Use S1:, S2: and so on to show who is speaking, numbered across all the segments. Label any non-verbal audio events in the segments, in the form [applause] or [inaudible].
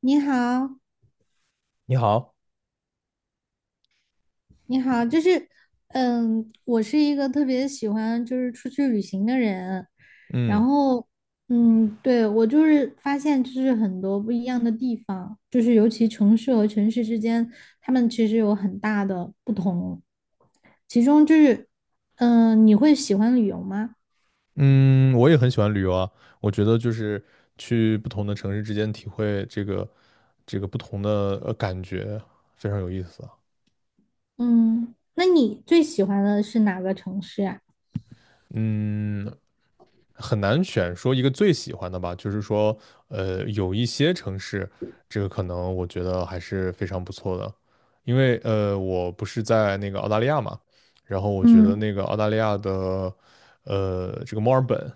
S1: 你好，
S2: 你好，
S1: 你好，就是，我是一个特别喜欢就是出去旅行的人，然
S2: 嗯
S1: 后，对，我就是发现就是很多不一样的地方，就是尤其城市和城市之间，他们其实有很大的不同，其中就是，你会喜欢旅游吗？
S2: 嗯，我也很喜欢旅游啊。我觉得就是去不同的城市之间体会这个不同的感觉，非常有意思啊。
S1: 嗯，那你最喜欢的是哪个城市啊？
S2: 嗯，很难选说一个最喜欢的吧，就是说，有一些城市，这个可能我觉得还是非常不错的，因为我不是在那个澳大利亚嘛，然后我觉得
S1: 嗯。
S2: 那个澳大利亚的，这个墨尔本，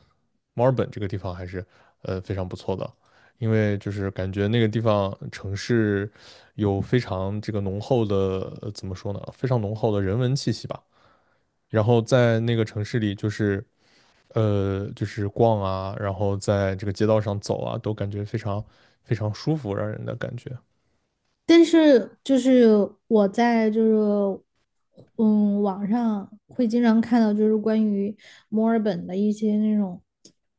S2: 墨尔本这个地方还是非常不错的，因为就是感觉那个地方城市有非常这个浓厚的，怎么说呢，非常浓厚的人文气息吧。然后在那个城市里，就是逛啊，然后在这个街道上走啊，都感觉非常非常舒服，让人的感觉。
S1: 但是就是我在就是嗯网上会经常看到就是关于墨尔本的一些那种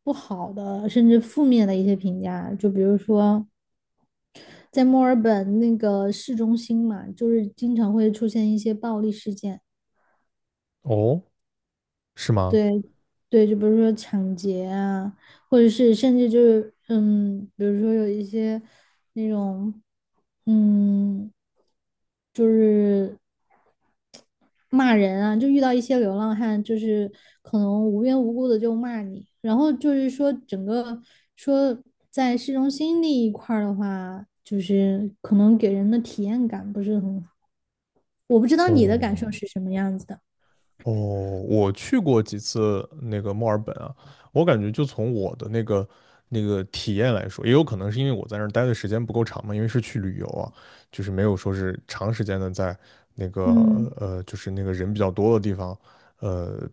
S1: 不好的甚至负面的一些评价，就比如说在墨尔本那个市中心嘛，就是经常会出现一些暴力事件。
S2: 哦，是吗？
S1: 对，对，就比如说抢劫啊，或者是甚至就是，比如说有一些那种，嗯，就是骂人啊，就遇到一些流浪汉，就是可能无缘无故的就骂你，然后就是说整个说在市中心那一块儿的话，就是可能给人的体验感不是很好，我不知道你的感受
S2: 哦，
S1: 是什么样子的。
S2: 哦，我去过几次那个墨尔本啊，我感觉就从我的那个体验来说，也有可能是因为我在那儿待的时间不够长嘛，因为是去旅游啊，就是没有说是长时间的在那个
S1: 嗯。
S2: 就是那个人比较多的地方呃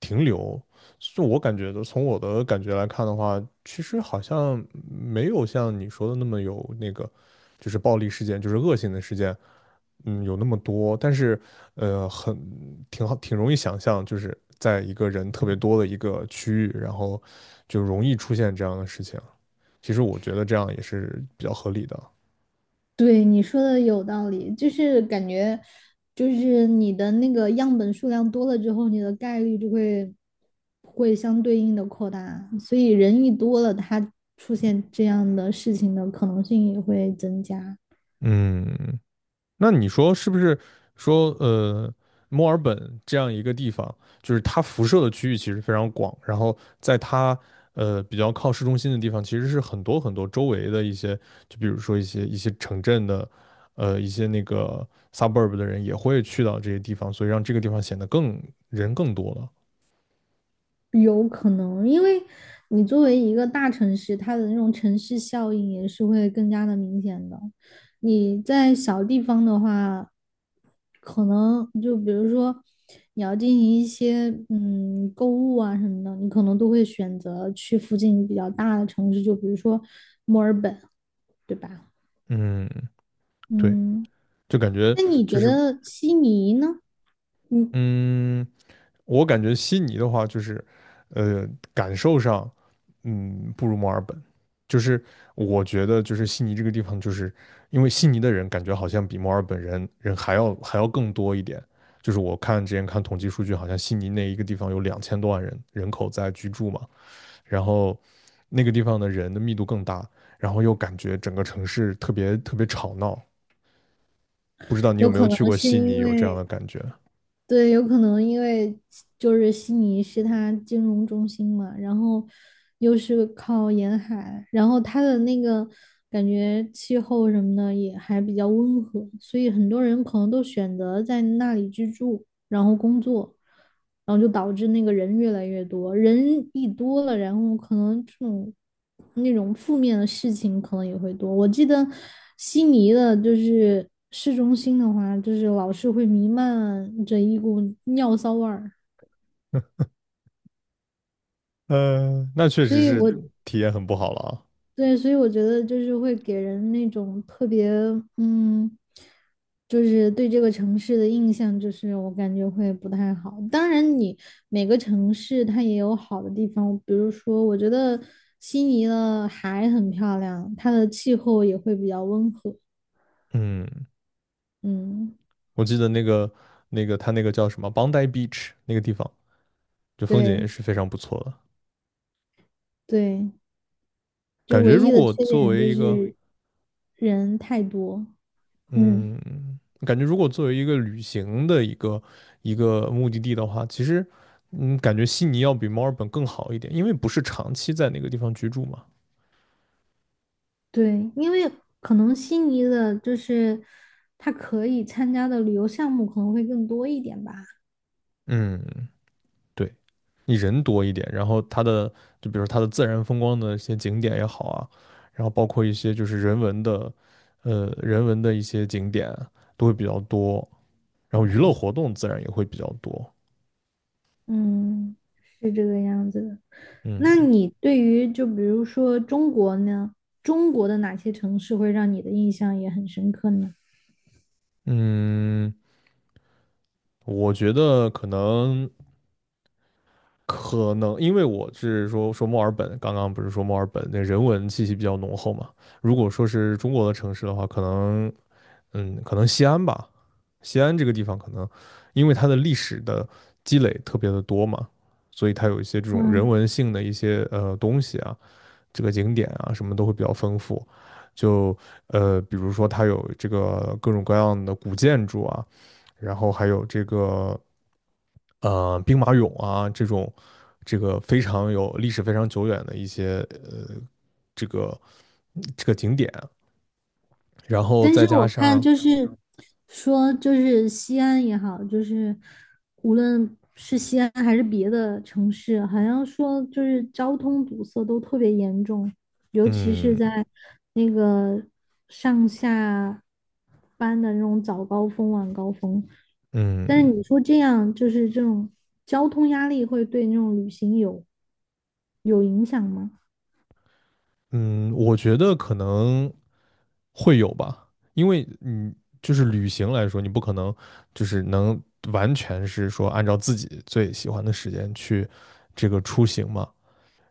S2: 停留。就我感觉的，从我的感觉来看的话，其实好像没有像你说的那么有那个，就是暴力事件，就是恶性的事件。嗯，有那么多，但是，很挺好，挺容易想象，就是在一个人特别多的一个区域，然后就容易出现这样的事情。其实我觉得这样也是比较合理的。
S1: 对，你说的有道理，就是感觉，就是你的那个样本数量多了之后，你的概率就会相对应的扩大，所以人一多了，它出现这样的事情的可能性也会增加。
S2: 嗯，那你说是不是说墨尔本这样一个地方，就是它辐射的区域其实非常广，然后在它比较靠市中心的地方，其实是很多很多周围的一些，就比如说一些城镇的，一些那个 suburb 的人也会去到这些地方，所以让这个地方显得更人更多了。
S1: 有可能，因为你作为一个大城市，它的那种城市效应也是会更加的明显的。你在小地方的话，可能就比如说你要进行一些购物啊什么的，你可能都会选择去附近比较大的城市，就比如说墨尔本，对吧？
S2: 嗯，对，
S1: 嗯，
S2: 就感觉
S1: 那你
S2: 就
S1: 觉
S2: 是
S1: 得悉尼呢？嗯，
S2: 嗯。我感觉悉尼的话，就是呃，感受上，不如墨尔本。就是我觉得，就是悉尼这个地方，就是因为悉尼的人感觉好像比墨尔本人还要更多一点。就是我看之前看统计数据，好像悉尼那一个地方有两千多万人口在居住嘛，然后那个地方的人的密度更大，然后又感觉整个城市特别特别吵闹。不知道你有
S1: 有
S2: 没有
S1: 可能
S2: 去过
S1: 是
S2: 悉
S1: 因
S2: 尼，有这样
S1: 为
S2: 的感觉？
S1: 对，有可能因为就是悉尼是它金融中心嘛，然后又是靠沿海，然后它的那个感觉气候什么的也还比较温和，所以很多人可能都选择在那里居住，然后工作。然后就导致那个人越来越多，人一多了，然后可能这种那种负面的事情可能也会多。我记得悉尼的就是市中心的话，就是老是会弥漫着一股尿骚味儿，
S2: [laughs] 那确
S1: 所
S2: 实
S1: 以
S2: 是
S1: 我
S2: 体验很不好了啊。
S1: 对，所以我觉得就是会给人那种特别，嗯，就是对这个城市的印象，就是我感觉会不太好。当然，你每个城市它也有好的地方，比如说，我觉得悉尼的海很漂亮，它的气候也会比较温和。
S2: 嗯，
S1: 嗯，
S2: 我记得那个他那个叫什么 Bondi Beach 那个地方，就风景
S1: 对
S2: 也是非常不错的。
S1: 对，就
S2: 感觉
S1: 唯
S2: 如
S1: 一的
S2: 果
S1: 缺
S2: 作
S1: 点
S2: 为
S1: 就
S2: 一个
S1: 是人太多。嗯。
S2: 嗯，感觉如果作为一个旅行的一个目的地的话，其实感觉悉尼要比墨尔本更好一点，因为不是长期在那个地方居住嘛。
S1: 对，因为可能悉尼的就是他可以参加的旅游项目可能会更多一点吧。
S2: 嗯对，你人多一点，然后它的就比如说它的自然风光的一些景点也好啊，然后包括一些人文的一些景点啊都会比较多，然后娱乐活动自然也会比较多。
S1: 嗯，是这个样子的。
S2: 嗯
S1: 那你对于就比如说中国呢，中国的哪些城市会让你的印象也很深刻呢？
S2: 嗯，我觉得可能，因为我是说墨尔本，刚刚不是说墨尔本那人文气息比较浓厚嘛。如果说是中国的城市的话，可能西安吧，西安这个地方可能因为它的历史的积累特别的多嘛，所以它有一些这种人
S1: 嗯
S2: 文性的一些东西啊，这个景点啊什么都会比较丰富。就比如说它有这个各种各样的古建筑啊，然后还有这个兵马俑啊这个非常有历史非常久远的一些呃这个这个景点啊，然后
S1: 但
S2: 再
S1: 是
S2: 加
S1: 我看
S2: 上
S1: 就是说，就是西安也好，就是无论是西安还是别的城市，好像说就是交通堵塞都特别严重，尤其是
S2: 嗯
S1: 在那个上下班的那种早高峰、晚高峰。
S2: 嗯。
S1: 但是你说这样，就是这种交通压力会对那种旅行有影响吗？
S2: 嗯，我觉得可能会有吧，因为你就是旅行来说，你不可能就是能完全是说按照自己最喜欢的时间去这个出行嘛。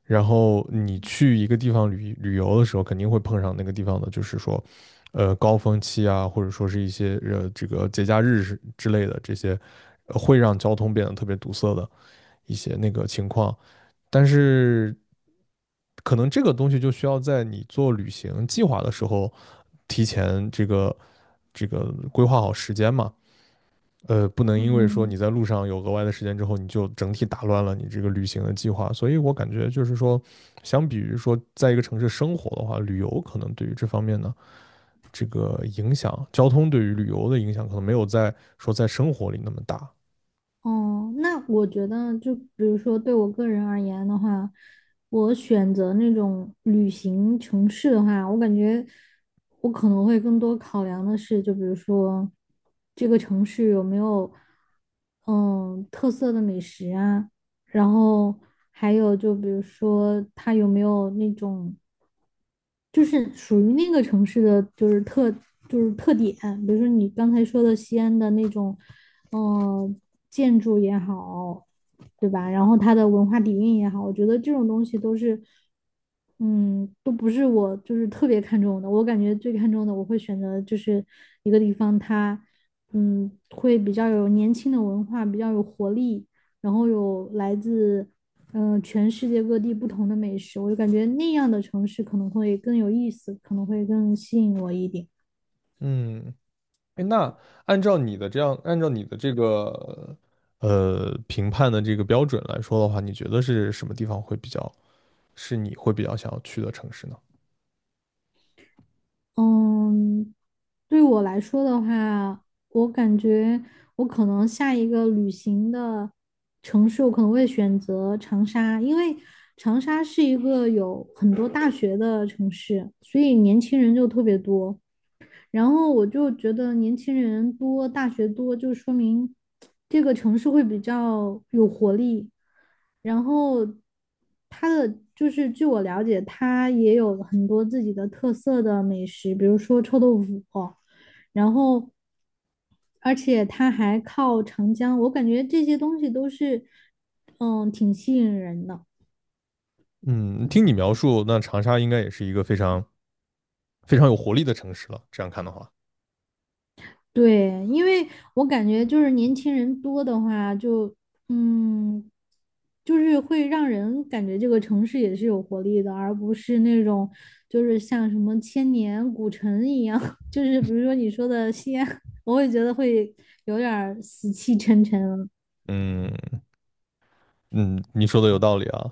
S2: 然后你去一个地方旅游的时候，肯定会碰上那个地方的，就是说，高峰期啊，或者说是一些这个节假日是之类的这些，会让交通变得特别堵塞的一些那个情况。但是可能这个东西就需要在你做旅行计划的时候，提前这个规划好时间嘛。不能因为说
S1: 嗯
S2: 你在路上有额外的时间之后，你就整体打乱了你这个旅行的计划。所以我感觉就是说，相比于说在一个城市生活的话，旅游可能对于这方面呢，这个影响，交通对于旅游的影响可能没有在说在生活里那么大。
S1: 哦，那我觉得，就比如说对我个人而言的话，我选择那种旅行城市的话，我感觉我可能会更多考量的是，就比如说这个城市有没有特色的美食啊，然后还有就比如说它有没有那种就是属于那个城市的，就是特点，比如说你刚才说的西安的那种，嗯，建筑也好，对吧？然后它的文化底蕴也好，我觉得这种东西都是，嗯，都不是我就是特别看重的。我感觉最看重的，我会选择就是一个地方它，会比较有年轻的文化，比较有活力，然后有来自全世界各地不同的美食，我就感觉那样的城市可能会更有意思，可能会更吸引我一点。
S2: 嗯，哎，那按照你的这个评判的这个标准来说的话，你觉得是什么地方会比较，是你会比较想要去的城市呢？
S1: 嗯，对我来说的话，我感觉我可能下一个旅行的城市，我可能会选择长沙，因为长沙是一个有很多大学的城市，所以年轻人就特别多。然后我就觉得年轻人多，大学多，就说明这个城市会比较有活力。然后它的就是据我了解，它也有很多自己的特色的美食，比如说臭豆腐，然后而且它还靠长江，我感觉这些东西都是挺吸引人的。
S2: 嗯，听你描述，那长沙应该也是一个非常非常有活力的城市了。这样看的话，
S1: 对，因为我感觉就是年轻人多的话就，嗯，就是会让人感觉这个城市也是有活力的，而不是那种就是像什么千年古城一样，[laughs] 就是比如说你说的西安，我会觉得会有点儿死气沉沉了。
S2: 嗯嗯，你说的有道理啊，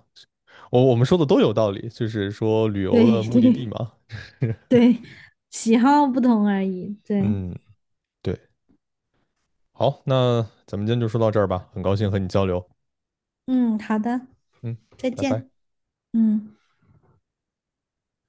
S2: 我们说的都有道理，就是说旅游
S1: 对
S2: 的
S1: [laughs]
S2: 目的地
S1: 对
S2: 嘛。
S1: 对，喜好不同而已。对，
S2: 嗯，对。好，那咱们今天就说到这儿吧，很高兴和你交流。
S1: 嗯，好的，
S2: 嗯，
S1: 再
S2: 拜拜。
S1: 见。嗯。